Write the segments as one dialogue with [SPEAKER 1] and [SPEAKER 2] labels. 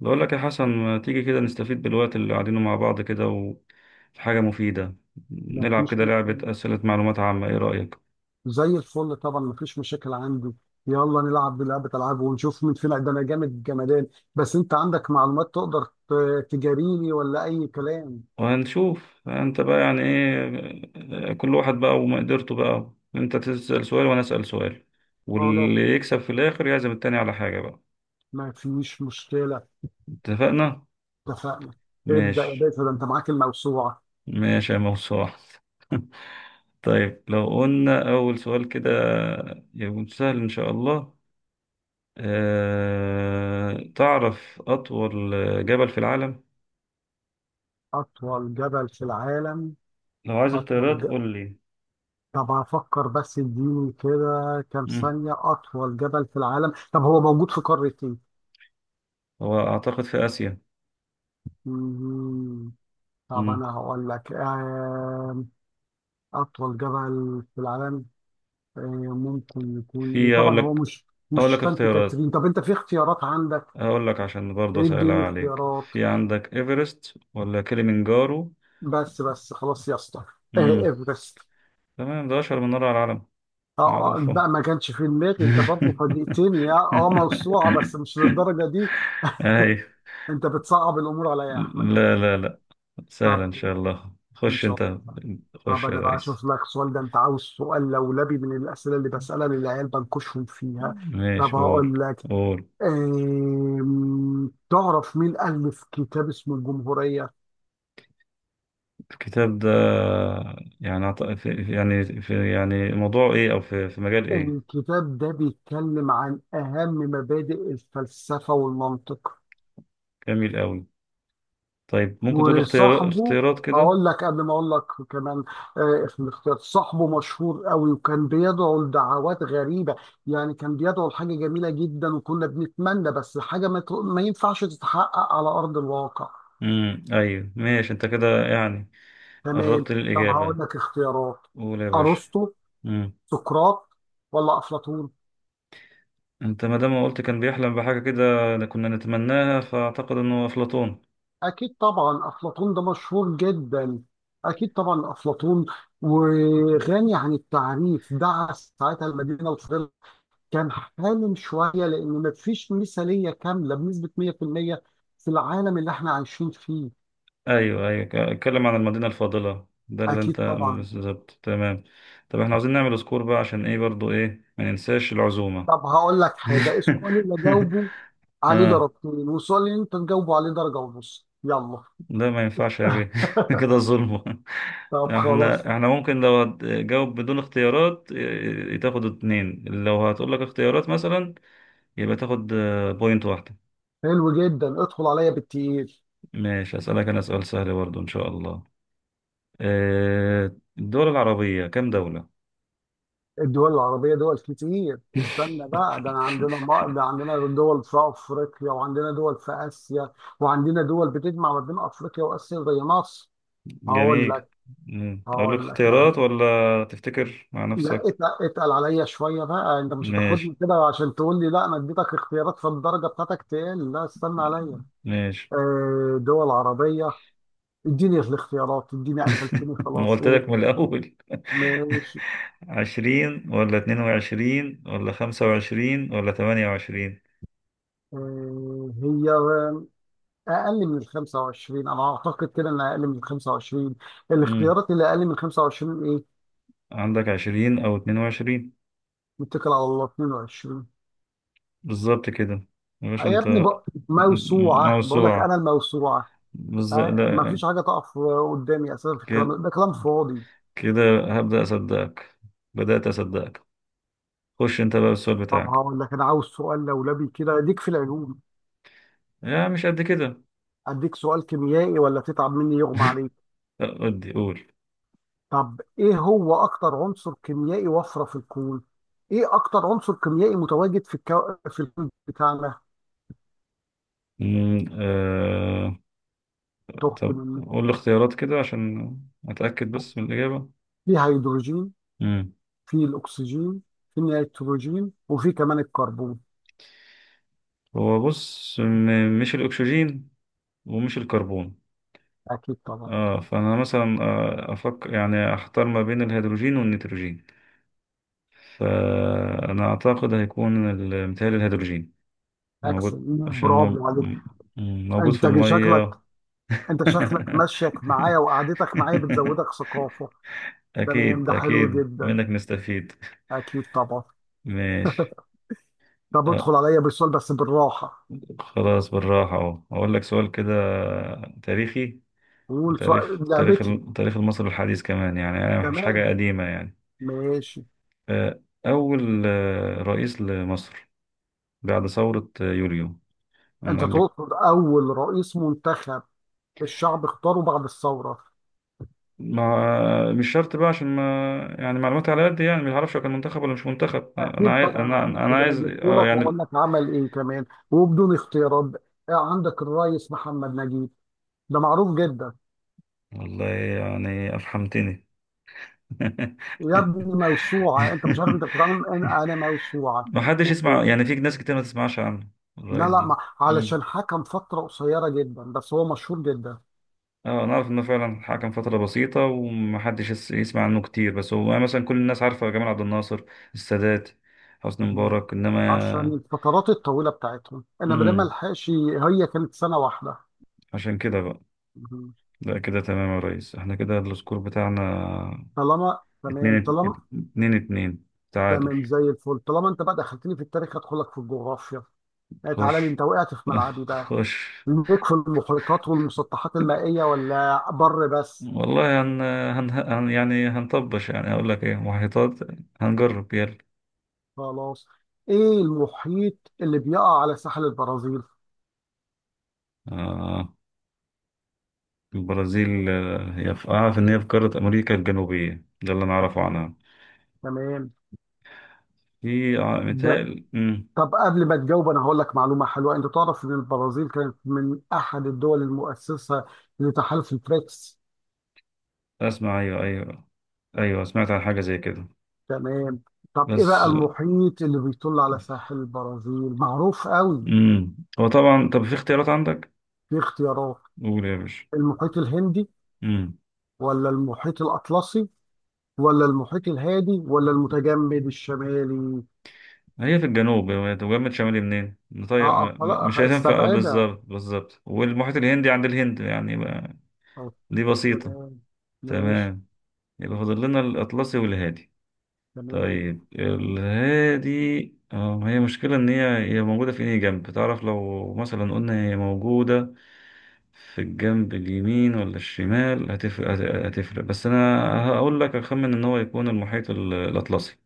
[SPEAKER 1] بقول لك يا حسن، ما تيجي كده نستفيد بالوقت اللي قاعدينه مع بعض كده، وفي حاجة مفيدة
[SPEAKER 2] ما
[SPEAKER 1] نلعب
[SPEAKER 2] فيش.
[SPEAKER 1] كده لعبة أسئلة معلومات عامة. إيه رأيك؟
[SPEAKER 2] زي الفل طبعا، ما فيش مشاكل عندي. يلا نلعب بلعبة ألعاب ونشوف مين فينا، ده أنا جامد جمدان. بس أنت عندك معلومات تقدر تجاريني ولا أي كلام؟
[SPEAKER 1] وهنشوف أنت بقى يعني إيه كل واحد بقى، وما قدرته بقى. أنت تسأل سؤال وأنا أسأل سؤال،
[SPEAKER 2] خلاص،
[SPEAKER 1] واللي يكسب في الآخر يعزم التاني على حاجة بقى.
[SPEAKER 2] ما فيش مشكلة.
[SPEAKER 1] اتفقنا؟
[SPEAKER 2] اتفقنا. ابدأ يا
[SPEAKER 1] ماشي.
[SPEAKER 2] باشا، ده أنت معاك الموسوعة.
[SPEAKER 1] ماشي يا موسوعة. طيب لو قلنا أول سؤال كده يكون سهل إن شاء الله. تعرف أطول جبل في العالم؟
[SPEAKER 2] أطول جبل في العالم.
[SPEAKER 1] لو عايز
[SPEAKER 2] أطول
[SPEAKER 1] اختيارات
[SPEAKER 2] ج...
[SPEAKER 1] قول لي.
[SPEAKER 2] طب هفكر، بس اديني كده كام
[SPEAKER 1] مم.
[SPEAKER 2] ثانية. أطول جبل في العالم، طب هو موجود في قارة إيه؟
[SPEAKER 1] هو أعتقد في آسيا.
[SPEAKER 2] مم، طب
[SPEAKER 1] مم.
[SPEAKER 2] أنا هقول لك أطول جبل في العالم. آه، ممكن يكون إيه؟ طبعا
[SPEAKER 1] أقول
[SPEAKER 2] هو
[SPEAKER 1] لك،
[SPEAKER 2] مش
[SPEAKER 1] أقول
[SPEAKER 2] مش
[SPEAKER 1] لك
[SPEAKER 2] سانت
[SPEAKER 1] اختيارات،
[SPEAKER 2] كاترين. طب أنت في اختيارات عندك؟
[SPEAKER 1] أقول لك عشان برضه أسهلها
[SPEAKER 2] إديني
[SPEAKER 1] عليك.
[SPEAKER 2] اختيارات.
[SPEAKER 1] في عندك إيفرست ولا كليمنجارو؟
[SPEAKER 2] بس بس خلاص يا اسطى.
[SPEAKER 1] مم.
[SPEAKER 2] إيفرست.
[SPEAKER 1] تمام، ده أشهر من نار على العالم. معروفة.
[SPEAKER 2] بقى ما كانش في دماغي. أنت برضه فاجئتني يا موسوعة، بس مش للدرجة دي.
[SPEAKER 1] أي.
[SPEAKER 2] أنت بتصعب الأمور عليا يا أحمد.
[SPEAKER 1] لا لا لا، سهلة
[SPEAKER 2] طب
[SPEAKER 1] إن شاء الله.
[SPEAKER 2] إن
[SPEAKER 1] خش
[SPEAKER 2] شاء
[SPEAKER 1] أنت.
[SPEAKER 2] الله. طب
[SPEAKER 1] خش يا
[SPEAKER 2] أنا بقى
[SPEAKER 1] ريس.
[SPEAKER 2] أشوف لك سؤال، ده أنت عاوز سؤال لولبي من الأسئلة اللي بسألها للعيال بنكشهم فيها. طب
[SPEAKER 1] ماشي، قول
[SPEAKER 2] هقول لك.
[SPEAKER 1] قول
[SPEAKER 2] تعرف مين ألف كتاب اسمه الجمهورية؟
[SPEAKER 1] الكتاب ده يعني يعني في، يعني موضوع ايه، او في مجال ايه؟
[SPEAKER 2] الكتاب ده بيتكلم عن أهم مبادئ الفلسفة والمنطق.
[SPEAKER 1] جميل قوي. طيب ممكن تقول
[SPEAKER 2] وصاحبه
[SPEAKER 1] اختيارات كده.
[SPEAKER 2] هقول لك قبل ما أقول لك كمان. في الاختيار، صاحبه مشهور قوي وكان بيدعو لدعوات غريبة. يعني كان بيدعو لحاجة جميلة جدا وكنا بنتمنى، بس حاجة ما ينفعش تتحقق على أرض الواقع.
[SPEAKER 1] ايوه ماشي انت كده، يعني
[SPEAKER 2] تمام.
[SPEAKER 1] قربت
[SPEAKER 2] طب هقول
[SPEAKER 1] للاجابه.
[SPEAKER 2] لك اختيارات:
[SPEAKER 1] قول يا باشا.
[SPEAKER 2] أرسطو،
[SPEAKER 1] امم
[SPEAKER 2] سقراط، ولا أفلاطون؟
[SPEAKER 1] انت ما دام ما قلت كان بيحلم بحاجه كده كنا نتمناها، فاعتقد انه افلاطون.
[SPEAKER 2] أكيد طبعا أفلاطون، ده مشهور جدا. أكيد طبعا أفلاطون، وغني عن التعريف. دعس ساعتها المدينة الفاضلة. كان حالم شوية، لأن مفيش مثالية كاملة بنسبة 100% في المية في العالم اللي إحنا عايشين فيه.
[SPEAKER 1] ايوه ايوه، اتكلم عن المدينه الفاضله، ده اللي انت،
[SPEAKER 2] أكيد طبعا.
[SPEAKER 1] بالظبط. تمام. طب احنا عاوزين نعمل سكور بقى، عشان ايه برضو، ايه، ما ننساش العزومه.
[SPEAKER 2] طب هقول لك حاجة: السؤال اللي أجاوبه عليه
[SPEAKER 1] اه،
[SPEAKER 2] درجتين، والسؤال اللي أنت تجاوبه عليه درجة ونص. يلا.
[SPEAKER 1] لا ما ينفعش يا بيه، كده ظلم.
[SPEAKER 2] طب خلاص.
[SPEAKER 1] احنا ممكن لو هتجاوب بدون اختيارات تاخد اتنين، لو هتقول لك اختيارات مثلا يبقى تاخد بوينت واحدة.
[SPEAKER 2] حلو جدا، ادخل عليا بالتقيل.
[SPEAKER 1] ماشي، اسألك انا سؤال سهل برضو ان شاء الله. الدول العربية كام دولة؟
[SPEAKER 2] الدول العربية دول كتير. استنى بقى، ده أنا عندنا ده عندنا دول في أفريقيا، وعندنا دول في آسيا، وعندنا دول بتجمع ما بين أفريقيا وآسيا زي مصر. هقول
[SPEAKER 1] جميل.
[SPEAKER 2] لك.
[SPEAKER 1] مم. اقول لك
[SPEAKER 2] أهل.
[SPEAKER 1] اختيارات ولا تفتكر مع
[SPEAKER 2] لا
[SPEAKER 1] نفسك؟
[SPEAKER 2] اتقل عليا شوية بقى. أنت مش هتاخدني
[SPEAKER 1] ماشي.
[SPEAKER 2] كده عشان تقول لي لا أنا اديتك اختيارات، فالدرجة بتاعتك تقل. لا، استنى عليا.
[SPEAKER 1] ماشي.
[SPEAKER 2] دول عربية. اديني الاختيارات، اديني، قفلتني
[SPEAKER 1] ما
[SPEAKER 2] خلاص،
[SPEAKER 1] قلت
[SPEAKER 2] قول.
[SPEAKER 1] لك من الأول.
[SPEAKER 2] ماشي.
[SPEAKER 1] 20 ولا 22 ولا 25 ولا 28؟
[SPEAKER 2] هي اقل من ال 25، انا اعتقد كده انها اقل من ال 25.
[SPEAKER 1] مم.
[SPEAKER 2] الاختيارات اللي اقل من 25 ايه؟
[SPEAKER 1] عندك 20 أو 22.
[SPEAKER 2] متكل على الله، 22.
[SPEAKER 1] بالظبط كده يا باشا
[SPEAKER 2] يا
[SPEAKER 1] أنت.
[SPEAKER 2] ابني موسوعه بقول لك، انا
[SPEAKER 1] موسوعة،
[SPEAKER 2] الموسوعه.
[SPEAKER 1] بالظبط.
[SPEAKER 2] ما
[SPEAKER 1] لا.
[SPEAKER 2] فيش حاجه تقف قدامي اساسا، في الكلام ده
[SPEAKER 1] ك-
[SPEAKER 2] كلام فاضي.
[SPEAKER 1] كده هبدأ أصدقك. بدأت أصدقك. خش أنت بقى بالسؤال
[SPEAKER 2] طب
[SPEAKER 1] بتاعك.
[SPEAKER 2] هقول لك، انا عاوز سؤال لولبي كده اديك في العلوم،
[SPEAKER 1] يا مش قد كده.
[SPEAKER 2] اديك سؤال كيميائي، ولا تتعب مني يغمى عليك.
[SPEAKER 1] لا، ودي قول.
[SPEAKER 2] طب ايه هو اكتر عنصر كيميائي وفره في الكون؟ ايه اكتر عنصر كيميائي متواجد في الكون بتاعنا؟
[SPEAKER 1] مم، آه...
[SPEAKER 2] تخت
[SPEAKER 1] طب
[SPEAKER 2] مني.
[SPEAKER 1] قول الاختيارات كده عشان أتأكد بس من الإجابة.
[SPEAKER 2] في هيدروجين، في الاكسجين، في النيتروجين، وفي كمان الكربون.
[SPEAKER 1] هو بص مش الأكسجين ومش الكربون.
[SPEAKER 2] اكيد طبعا.
[SPEAKER 1] اه فأنا مثلا أفكر، يعني أحتار ما بين الهيدروجين والنيتروجين. فأنا أعتقد هيكون متهيألي الهيدروجين
[SPEAKER 2] اكسل،
[SPEAKER 1] موجود، عشان
[SPEAKER 2] برافو عليك.
[SPEAKER 1] موجود في
[SPEAKER 2] انت شكلك
[SPEAKER 1] المية.
[SPEAKER 2] انت شكلك مشيك معايا وقعدتك معايا بتزودك ثقافه. تمام،
[SPEAKER 1] أكيد
[SPEAKER 2] ده حلو
[SPEAKER 1] أكيد
[SPEAKER 2] جدا.
[SPEAKER 1] منك نستفيد.
[SPEAKER 2] اكيد طبعا.
[SPEAKER 1] ماشي.
[SPEAKER 2] طب
[SPEAKER 1] آه
[SPEAKER 2] ادخل عليا بالسؤال بس بالراحه.
[SPEAKER 1] خلاص بالراحة أهو، أقول لك سؤال كده تاريخي.
[SPEAKER 2] قول سؤال
[SPEAKER 1] وتاريخ تاريخ
[SPEAKER 2] لعبتي.
[SPEAKER 1] التاريخ المصري الحديث كمان، يعني مش
[SPEAKER 2] تمام.
[SPEAKER 1] حاجة قديمة يعني.
[SPEAKER 2] ماشي.
[SPEAKER 1] آه، أول رئيس لمصر بعد ثورة يوليو
[SPEAKER 2] انت
[SPEAKER 1] من قبل.
[SPEAKER 2] تقصد اول رئيس منتخب الشعب اختاره بعد الثوره؟
[SPEAKER 1] ما مش شرط بقى عشان ما، يعني معلوماتي على قد، يعني ما اعرفش هو كان منتخب ولا مش منتخب. انا
[SPEAKER 2] اكيد
[SPEAKER 1] عايز،
[SPEAKER 2] طبعا
[SPEAKER 1] انا
[SPEAKER 2] عارف،
[SPEAKER 1] انا
[SPEAKER 2] وده انا
[SPEAKER 1] عايز
[SPEAKER 2] اجيبه لك واقول
[SPEAKER 1] يعني.
[SPEAKER 2] لك عمل ايه كمان، وبدون اختيارات بقى. عندك الرئيس محمد نجيب، ده معروف جدا.
[SPEAKER 1] والله يعني افحمتني.
[SPEAKER 2] يا ابني موسوعه، انت مش عارف انت بتتعامل، انا موسوعه.
[SPEAKER 1] ما حدش
[SPEAKER 2] اوكي.
[SPEAKER 1] يسمع، يعني في ناس كتير ما تسمعش عنه
[SPEAKER 2] لا
[SPEAKER 1] الرئيس
[SPEAKER 2] لا،
[SPEAKER 1] ده.
[SPEAKER 2] ما.
[SPEAKER 1] مم.
[SPEAKER 2] علشان حكم فتره قصيره جدا، بس هو مشهور جدا.
[SPEAKER 1] اه، انا عارف انه فعلا حكم فترة بسيطة، ومحدش يسمع عنه كتير، بس هو يعني مثلا كل الناس عارفة جمال عبد الناصر، السادات، حسني
[SPEAKER 2] مهم.
[SPEAKER 1] مبارك،
[SPEAKER 2] عشان
[SPEAKER 1] انما.
[SPEAKER 2] الفترات الطويله بتاعتهم، انا ما دام
[SPEAKER 1] امم
[SPEAKER 2] الحقش، هي كانت سنه واحده.
[SPEAKER 1] عشان كده بقى.
[SPEAKER 2] مهم.
[SPEAKER 1] لا كده تمام يا ريس، احنا كده السكور بتاعنا
[SPEAKER 2] طالما تمام.
[SPEAKER 1] اتنين اتنين. اتنين، تعادل.
[SPEAKER 2] زي الفل. طالما انت بقى دخلتني في التاريخ، هدخلك في الجغرافيا. لا، تعالى لي،
[SPEAKER 1] خش،
[SPEAKER 2] انت وقعت في ملعبي بقى.
[SPEAKER 1] خش.
[SPEAKER 2] ليك في المحيطات والمسطحات المائية ولا بر بس؟
[SPEAKER 1] والله يعني هنطبش، يعني هقول لك ايه، محيطات، هنجرب يلا.
[SPEAKER 2] خلاص. ايه المحيط اللي بيقع على ساحل البرازيل؟
[SPEAKER 1] آه. البرازيل، هي في أعرف إن هي في قارة أمريكا الجنوبية، ده اللي أنا أعرفه
[SPEAKER 2] مم.
[SPEAKER 1] عنها.
[SPEAKER 2] تمام ده.
[SPEAKER 1] متهيألي
[SPEAKER 2] طب قبل ما تجاوب انا هقول لك معلومة حلوة: انت تعرف ان البرازيل كانت من احد الدول المؤسسة لتحالف البريكس؟
[SPEAKER 1] أسمع. أيوه أيوه، أيوه سمعت عن حاجة زي كده.
[SPEAKER 2] تمام. طب ايه بقى
[SPEAKER 1] بس
[SPEAKER 2] المحيط اللي بيطل على ساحل البرازيل؟ معروف قوي.
[SPEAKER 1] هو طبعا، طب في اختيارات عندك؟
[SPEAKER 2] في اختيارات:
[SPEAKER 1] قول يا باشا.
[SPEAKER 2] المحيط الهندي،
[SPEAKER 1] أمم
[SPEAKER 2] ولا المحيط الأطلسي، ولا المحيط الهادي، ولا المتجمد الشمالي؟
[SPEAKER 1] هي في الجنوب، هي جنب شمالي منين؟ طيب
[SPEAKER 2] اه خلاص.
[SPEAKER 1] مش هتنفع،
[SPEAKER 2] استبعدها.
[SPEAKER 1] بالظبط بالظبط، والمحيط الهندي عند الهند يعني
[SPEAKER 2] آه،
[SPEAKER 1] دي بسيطة.
[SPEAKER 2] تمام. ماشي.
[SPEAKER 1] تمام، يبقى فاضل لنا الأطلسي والهادي.
[SPEAKER 2] تمام.
[SPEAKER 1] طيب الهادي، اه، هي مشكلة إن هي موجودة في أي جنب، تعرف لو مثلا قلنا هي موجودة في الجنب اليمين ولا الشمال هتفرق، هتفرق، بس أنا هقول لك أخمن إن هو يكون المحيط الأطلسي.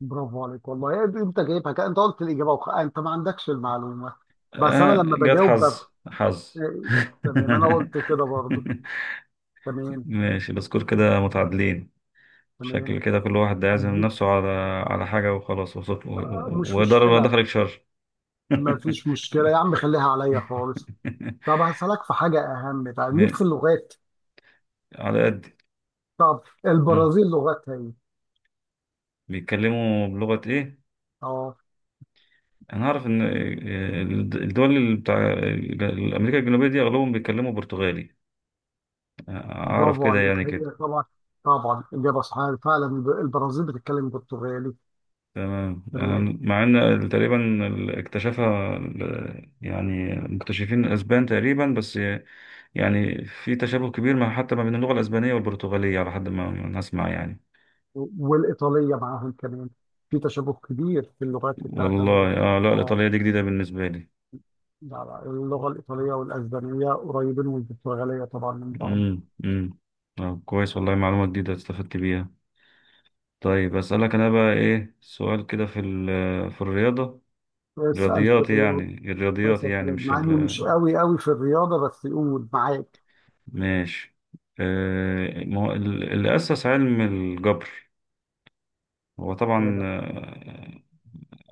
[SPEAKER 2] برافو عليك والله. انت جايبها كده، انت قلت الاجابه انت ما عندكش المعلومه. بس انا
[SPEAKER 1] آه
[SPEAKER 2] لما
[SPEAKER 1] جت
[SPEAKER 2] بجاوب بب...
[SPEAKER 1] حظ حظ.
[SPEAKER 2] آه، تمام، انا قلت كده برضو. تمام
[SPEAKER 1] ماشي، السكور كده متعادلين.
[SPEAKER 2] تمام.
[SPEAKER 1] شكل كده كل واحد هيعزم
[SPEAKER 2] اديك.
[SPEAKER 1] نفسه على حاجة وخلاص،
[SPEAKER 2] مش
[SPEAKER 1] ويضرب ما
[SPEAKER 2] مشكله.
[SPEAKER 1] دخلك شر.
[SPEAKER 2] ما فيش مشكله يا عم، خليها عليا خالص. طب هسألك في حاجه اهم بقى، ليك
[SPEAKER 1] ماشي.
[SPEAKER 2] في اللغات.
[SPEAKER 1] على قد.
[SPEAKER 2] طب
[SPEAKER 1] مم.
[SPEAKER 2] البرازيل لغتها ايه؟
[SPEAKER 1] بيتكلموا بلغة إيه؟
[SPEAKER 2] اه
[SPEAKER 1] أنا أعرف إن الدول اللي بتاع أمريكا الجنوبية دي أغلبهم بيتكلموا برتغالي. أعرف
[SPEAKER 2] برافو
[SPEAKER 1] كده، يعني
[SPEAKER 2] عليك،
[SPEAKER 1] كده.
[SPEAKER 2] هي طبعا طبعا اجابه صحيحه فعلا. البرازيل بتتكلم برتغالي
[SPEAKER 1] تمام،
[SPEAKER 2] كمان.
[SPEAKER 1] يعني مع إن تقريبا اكتشفها يعني مكتشفين الأسبان تقريبا، بس يعني في تشابه كبير، ما حتى ما بين اللغة الأسبانية والبرتغالية، على حد ما ما نسمع يعني.
[SPEAKER 2] والايطاليه معاهم كمان، في تشابه كبير في اللغات الثلاثه دول.
[SPEAKER 1] والله لا،
[SPEAKER 2] اه
[SPEAKER 1] الإيطالية دي جديدة بالنسبة لي.
[SPEAKER 2] لا لا، اللغه الايطاليه والاسبانيه قريبين، والبرتغاليه طبعا، من بعض.
[SPEAKER 1] امم امم كويس، والله معلومة جديدة استفدت بيها. طيب أسألك أنا بقى إيه سؤال كده في الرياضة.
[SPEAKER 2] اسال في الرياضه
[SPEAKER 1] الرياضيات
[SPEAKER 2] اسال في
[SPEAKER 1] يعني
[SPEAKER 2] الرياضة.
[SPEAKER 1] مش
[SPEAKER 2] مع اني مش
[SPEAKER 1] ال.
[SPEAKER 2] قوي قوي في الرياضه، بس يقول معاك.
[SPEAKER 1] ماشي، ما هو اللي أسس علم الجبر. هو طبعا
[SPEAKER 2] هنا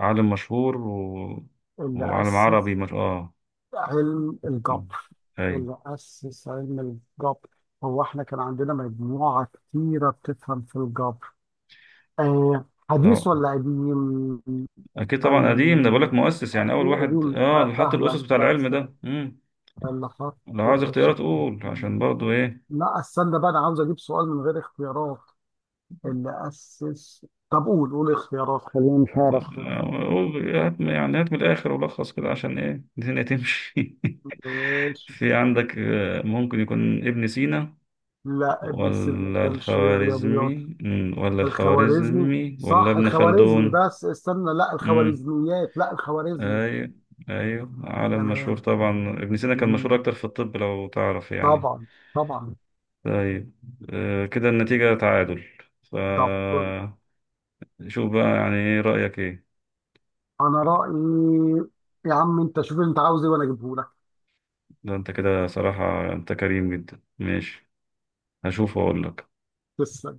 [SPEAKER 1] عالم مشهور، و...
[SPEAKER 2] اللي
[SPEAKER 1] وعالم
[SPEAKER 2] اسس
[SPEAKER 1] عربي، مش
[SPEAKER 2] علم
[SPEAKER 1] مم.
[SPEAKER 2] الجبر.
[SPEAKER 1] أي
[SPEAKER 2] اللي اسس علم الجبر هو احنا كان عندنا مجموعه كتيره بتفهم في الجبر. حديث
[SPEAKER 1] آه.
[SPEAKER 2] ولا قديم؟
[SPEAKER 1] أكيد
[SPEAKER 2] أو
[SPEAKER 1] طبعا قديم، ده بقولك مؤسس، يعني أول
[SPEAKER 2] في
[SPEAKER 1] واحد
[SPEAKER 2] قديم.
[SPEAKER 1] اللي حط
[SPEAKER 2] فاهمك.
[SPEAKER 1] الأسس بتاع العلم
[SPEAKER 2] بس
[SPEAKER 1] ده. مم.
[SPEAKER 2] اللي حط.
[SPEAKER 1] لو عايز
[SPEAKER 2] إيش
[SPEAKER 1] اختيارات قول
[SPEAKER 2] في-
[SPEAKER 1] عشان برضو إيه.
[SPEAKER 2] لا استنى بقى، أنا عاوز أجيب سؤال من غير اختيارات. اللي أسس. طب قول، قول اختيارات، خليني مش هعرف كده.
[SPEAKER 1] هات يعني هات من الآخر، ولخص كده عشان إيه الدنيا تمشي.
[SPEAKER 2] إيش.
[SPEAKER 1] في عندك ممكن يكون ابن سينا،
[SPEAKER 2] لا ابن سينا ما كانش رياضيات.
[SPEAKER 1] ولا
[SPEAKER 2] الخوارزمي.
[SPEAKER 1] الخوارزمي ولا
[SPEAKER 2] صح،
[SPEAKER 1] ابن
[SPEAKER 2] الخوارزمي.
[SPEAKER 1] خلدون؟
[SPEAKER 2] بس استنى، لا
[SPEAKER 1] امم،
[SPEAKER 2] الخوارزميات، لا الخوارزمي.
[SPEAKER 1] ايوه ايوه، عالم مشهور
[SPEAKER 2] تمام.
[SPEAKER 1] طبعا. ابن سينا كان
[SPEAKER 2] مم،
[SPEAKER 1] مشهور اكتر في الطب لو تعرف يعني.
[SPEAKER 2] طبعا طبعا.
[SPEAKER 1] طيب كده النتيجة تعادل. ف
[SPEAKER 2] طب
[SPEAKER 1] شوف بقى، يعني ايه رأيك، ايه؟
[SPEAKER 2] انا رايي، يا عم انت شوف انت عاوز ايه وانا اجيبه لك.
[SPEAKER 1] ده انت كده صراحة انت كريم جدا. ماشي، هشوف واقول لك.
[SPEAKER 2] بس.